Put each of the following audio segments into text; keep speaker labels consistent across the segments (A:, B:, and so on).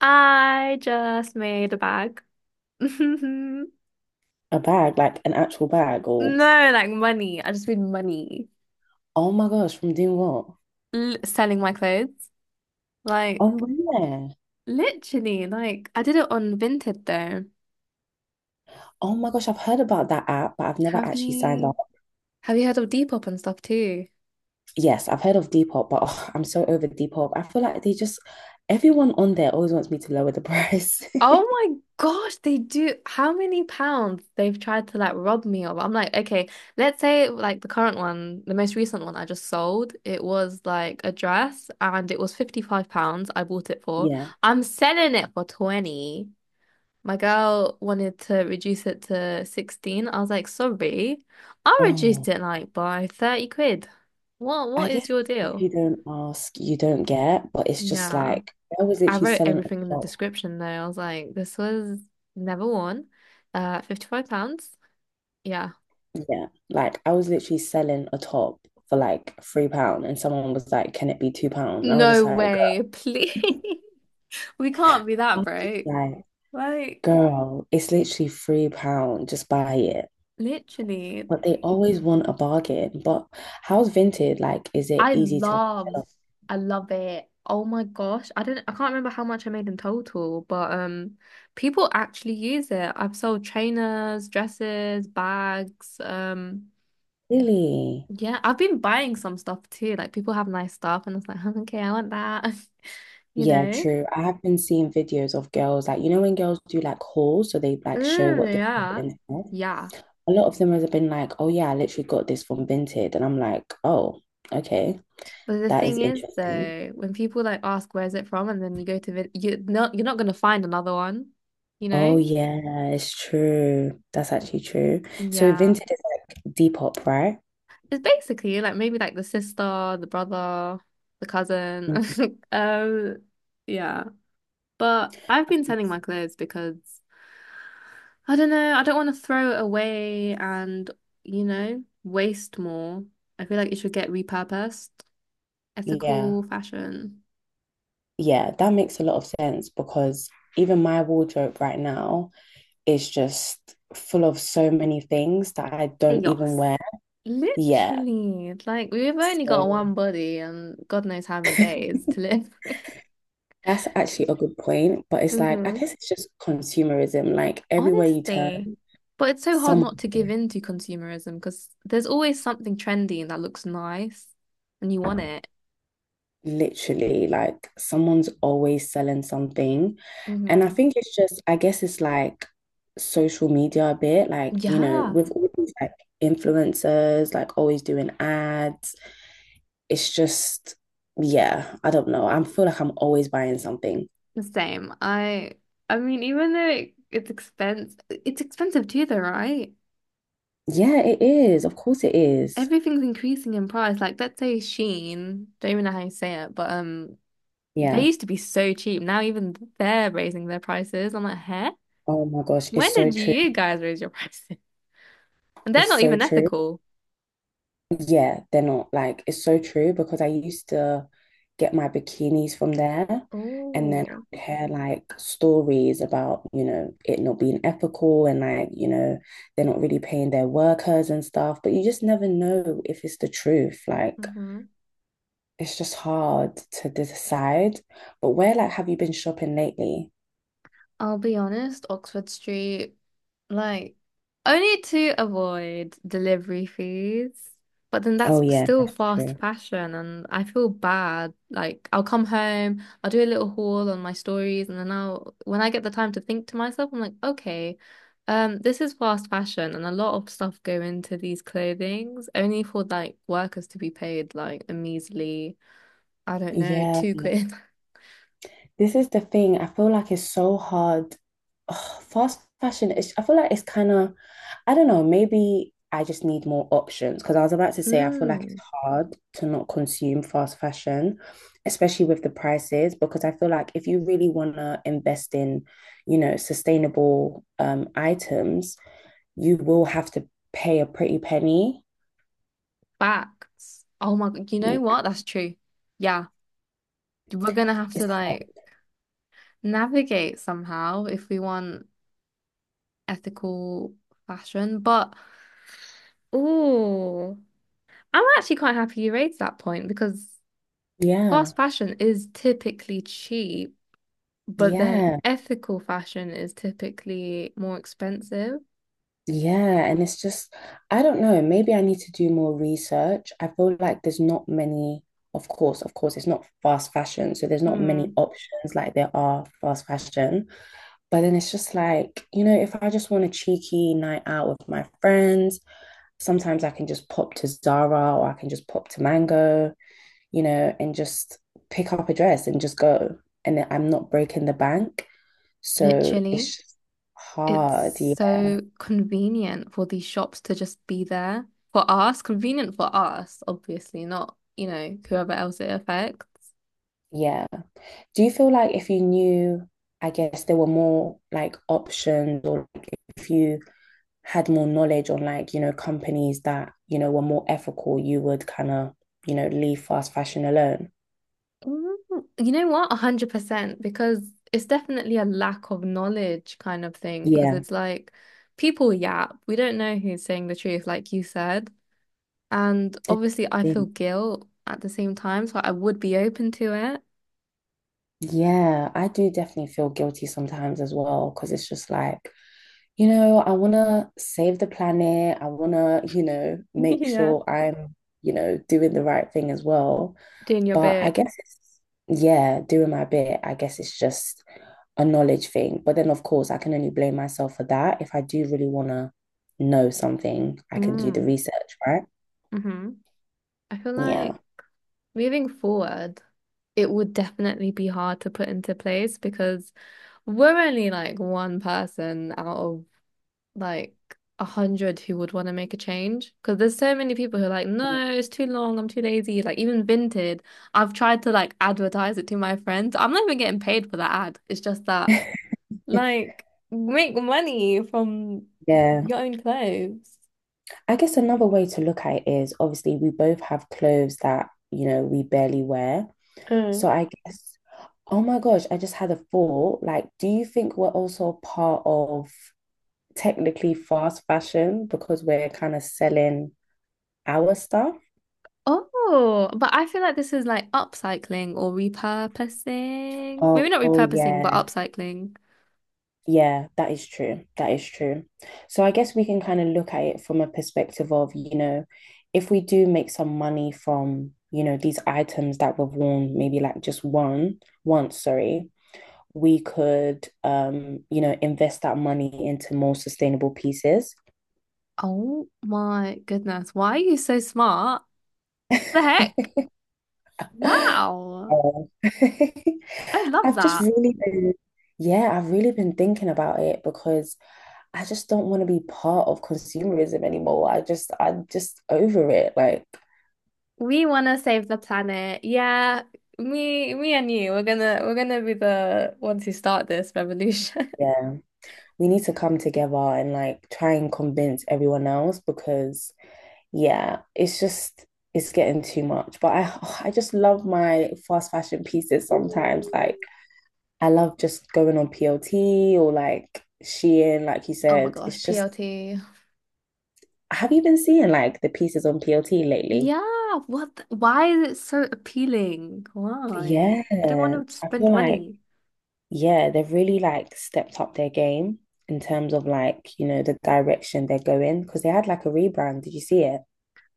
A: I just made a bag.
B: A bag, like an actual bag, or
A: No, like money. I just made money
B: oh my gosh, from doing what?
A: L selling my clothes. Like
B: Oh, really?
A: literally, like I did it on Vinted though.
B: Oh my gosh, I've heard about that app, but I've never
A: Have
B: actually signed
A: you
B: up.
A: have you heard of Depop and stuff too?
B: Yes, I've heard of Depop, but oh, I'm so over Depop. I feel like they just, everyone on there always wants me to lower the price.
A: Oh my gosh, they do. How many pounds they've tried to like rob me of? I'm like, okay, let's say like the current one, the most recent one I just sold, it was like a dress and it was £55 I bought it for.
B: Yeah.
A: I'm selling it for 20. My girl wanted to reduce it to 16. I was like, sorry, I reduced
B: Oh,
A: it like by 30 quid. What
B: I
A: what is
B: guess
A: your
B: if
A: deal?
B: you don't ask, you don't get, but it's just
A: Yeah.
B: like I was
A: I
B: literally
A: wrote
B: selling a
A: everything in the
B: top.
A: description though. I was like, this was never worn. £55. Yeah.
B: Yeah. Like I was literally selling a top for like £3 and someone was like, can it be £2? And I was just
A: No
B: like, girl,
A: way, please. We can't be
B: I
A: that
B: was just
A: broke.
B: like,
A: Like,
B: girl, it's literally £3. Just buy it.
A: literally.
B: But they always want a bargain. But how's Vinted? Like, is it
A: I
B: easy to sell
A: love,
B: off?
A: I love it. Oh my gosh. I can't remember how much I made in total, but people actually use it. I've sold trainers, dresses, bags.
B: Really?
A: Yeah, I've been buying some stuff too. Like people have nice stuff, and it's like, okay, I want that. You
B: Yeah,
A: know?
B: true. I have been seeing videos of girls, like, you know, when girls do like hauls, so they like show
A: Mm,
B: what they bought
A: yeah.
B: instead.
A: Yeah.
B: A lot of them has been like, oh yeah, I literally got this from Vinted. And I'm like, oh, okay,
A: But the
B: that
A: thing
B: is
A: is
B: interesting.
A: though, when people like ask where's it from, and then you go to vid you're not gonna find another one, you
B: Oh
A: know?
B: yeah, it's true. That's actually true. So
A: Yeah.
B: Vinted is like Depop, right?
A: It's basically like maybe like the sister, the brother, the cousin.
B: Mhm.
A: Um, yeah. But I've been sending my clothes because I don't know, I don't want to throw it away and, waste more. I feel like it should get repurposed.
B: Yeah.
A: Ethical fashion.
B: Yeah, that makes a lot of sense because even my wardrobe right now is just full of so many things that I
A: Hey,
B: don't even wear. Yeah.
A: literally, like we've only got
B: So
A: one body and God knows how many days to live.
B: that's actually a good point. But it's like, I
A: hmm
B: guess it's just consumerism. Like everywhere you turn,
A: Honestly. But it's so hard
B: someone,
A: not to give in to consumerism because there's always something trendy and that looks nice and you want it.
B: literally, like someone's always selling something. And I
A: Hmm.
B: think it's just, I guess it's like social media a bit, like, you know,
A: Yeah.
B: with all these like influencers, like always doing ads. It's just, yeah, I don't know. I feel like I'm always buying something.
A: The same. I mean, even though it, it's expense it's expensive too though, right?
B: Yeah, it is. Of course it is.
A: Everything's increasing in price. Like let's say Shein, don't even know how you say it, but they
B: Yeah.
A: used to be so cheap. Now even they're raising their prices. I'm like, huh?
B: Oh my gosh, it's
A: When
B: so
A: did
B: true.
A: you guys raise your prices? And they're
B: It's
A: not
B: so
A: even
B: true.
A: ethical.
B: Yeah, they're not, like it's so true because I used to get my bikinis from there and then I
A: Oh.
B: would hear like stories about, you know, it not being ethical and like, you know, they're not really paying their workers and stuff, but you just never know if it's the truth. Like,
A: Mm-hmm.
B: it's just hard to decide. But where like have you been shopping lately?
A: I'll be honest, Oxford Street. Like, only to avoid delivery fees, but then that's
B: Oh yeah,
A: still
B: that's
A: fast
B: true.
A: fashion, and I feel bad. Like, I'll come home, I'll do a little haul on my stories, and then when I get the time to think to myself, I'm like, okay, this is fast fashion, and a lot of stuff go into these clothings, only for like workers to be paid like a measly, I don't know,
B: Yeah.
A: 2 quid.
B: This is the thing. I feel like it's so hard. Ugh, fast fashion, it's, I feel like it's kind of, I don't know, maybe I just need more options because I was about to say I feel like it's
A: Mm,
B: hard to not consume fast fashion, especially with the prices, because I feel like if you really want to invest in, you know, sustainable items, you will have to pay a pretty penny.
A: facts. Oh my God, you know what? That's true. Yeah, we're gonna have
B: It's
A: to like navigate somehow if we want ethical fashion. But oh, I'm actually quite happy you raised that point because
B: yeah,
A: fast fashion is typically cheap, but then
B: yeah,
A: ethical fashion is typically more expensive.
B: yeah. And it's just, I don't know, maybe I need to do more research. I feel like there's not many, of course, it's not fast fashion. So there's not many
A: Mm.
B: options like there are fast fashion. But then it's just like, you know, if I just want a cheeky night out with my friends, sometimes I can just pop to Zara or I can just pop to Mango, you know, and just pick up a dress and just go. And I'm not breaking the bank. So
A: Literally,
B: it's just
A: it's
B: hard. Yeah.
A: so convenient for these shops to just be there for us, convenient for us, obviously, not, whoever else it affects.
B: Yeah. Do you feel like if you knew, I guess there were more like options or like, if you had more knowledge on like, you know, companies that, you know, were more ethical, you would kind of, you know, leave fast fashion alone?
A: Mm, You know what? 100%, because it's definitely a lack of knowledge kind of thing. Because
B: Yeah.
A: it's like people yap. We don't know who's saying the truth, like you said. And obviously, I feel guilt at the same time, so I would be open to it.
B: Yeah, I do definitely feel guilty sometimes as well because it's just like, you know, I want to save the planet. I want to, you know, make
A: Yeah.
B: sure I'm, you know, doing the right thing as well.
A: Doing your
B: But I
A: bit.
B: guess it's, yeah, doing my bit. I guess it's just a knowledge thing. But then, of course, I can only blame myself for that. If I do really want to know something, I can do the
A: Mm.
B: research, right?
A: hmm I feel like
B: Yeah.
A: moving forward, it would definitely be hard to put into place because we're only like one person out of like a hundred who would want to make a change because there's so many people who are like, no, it's too long, I'm too lazy. Like even Vinted, I've tried to like advertise it to my friends. I'm not even getting paid for that ad. It's just that like make money from
B: Yeah.
A: your own clothes.
B: I guess another way to look at it is obviously we both have clothes that, you know, we barely wear.
A: Mm.
B: So I guess, oh my gosh, I just had a thought. Like, do you think we're also part of, technically, fast fashion because we're kind of selling our stuff?
A: Oh, but I feel like this is like upcycling or repurposing. Maybe
B: Oh,
A: not
B: oh
A: repurposing, but
B: yeah.
A: upcycling.
B: Yeah, that is true. That is true. So I guess we can kind of look at it from a perspective of, you know, if we do make some money from, you know, these items that we've worn, maybe like just one, once, sorry, we could, you know, invest that money into more sustainable pieces.
A: Oh my goodness. Why are you so smart? The heck? Wow.
B: Oh.
A: I love
B: I've just
A: that.
B: really been, yeah, I've really been thinking about it because I just don't want to be part of consumerism anymore. I just, I'm just over it. Like,
A: We want to save the planet. Yeah, me and you, we're gonna be the ones who start this revolution.
B: yeah, we need to come together and like try and convince everyone else because, yeah, it's just, it's getting too much. But I, I just love my fast fashion pieces sometimes. Like, I love just going on PLT or like Shein, like you
A: Oh my
B: said.
A: gosh,
B: It's just,
A: PLT.
B: have you been seeing like the pieces on PLT lately?
A: Yeah, what? Why is it so appealing?
B: Yeah,
A: Why? I don't want to
B: I
A: spend
B: feel like
A: money.
B: yeah, they've really like stepped up their game in terms of like, you know, the direction they're going because they had like a rebrand. Did you see it?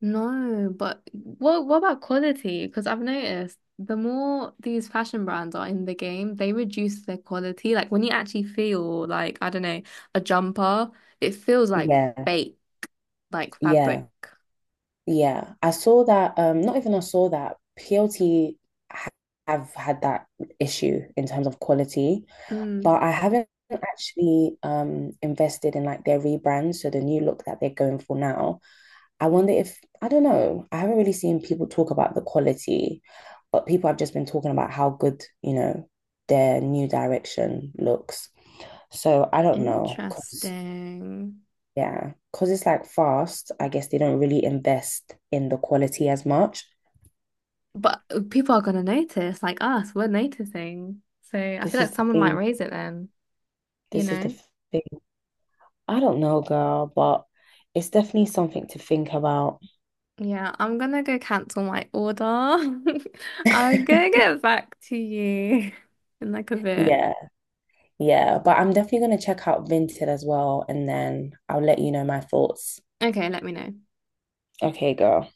A: No, but what about quality? Because I've noticed the more these fashion brands are in the game, they reduce their quality. Like when you actually feel like, I don't know, a jumper, it feels like
B: Yeah,
A: fake, like
B: yeah,
A: fabric.
B: yeah. I saw that, not even I saw that PLT ha- have had that issue in terms of quality,
A: Mm,
B: but I haven't actually invested in like their rebrand, so the new look that they're going for now. I wonder if, I don't know, I haven't really seen people talk about the quality, but people have just been talking about how good, you know, their new direction looks. So I don't know, because,
A: Interesting.
B: yeah, because it's like fast, I guess they don't really invest in the quality as much.
A: But people are gonna notice, like us, we're noticing. So I feel
B: This
A: like
B: is the
A: someone might
B: thing.
A: raise it then, you
B: This is the
A: know?
B: thing. I don't know, girl, but it's definitely something to think about.
A: Yeah, I'm gonna go cancel my order. I'm gonna get back to you in like a bit.
B: Yeah, yeah. But I'm definitely going to check out Vinted as well, and then I'll let you know my thoughts.
A: Okay, let me know.
B: Okay, go.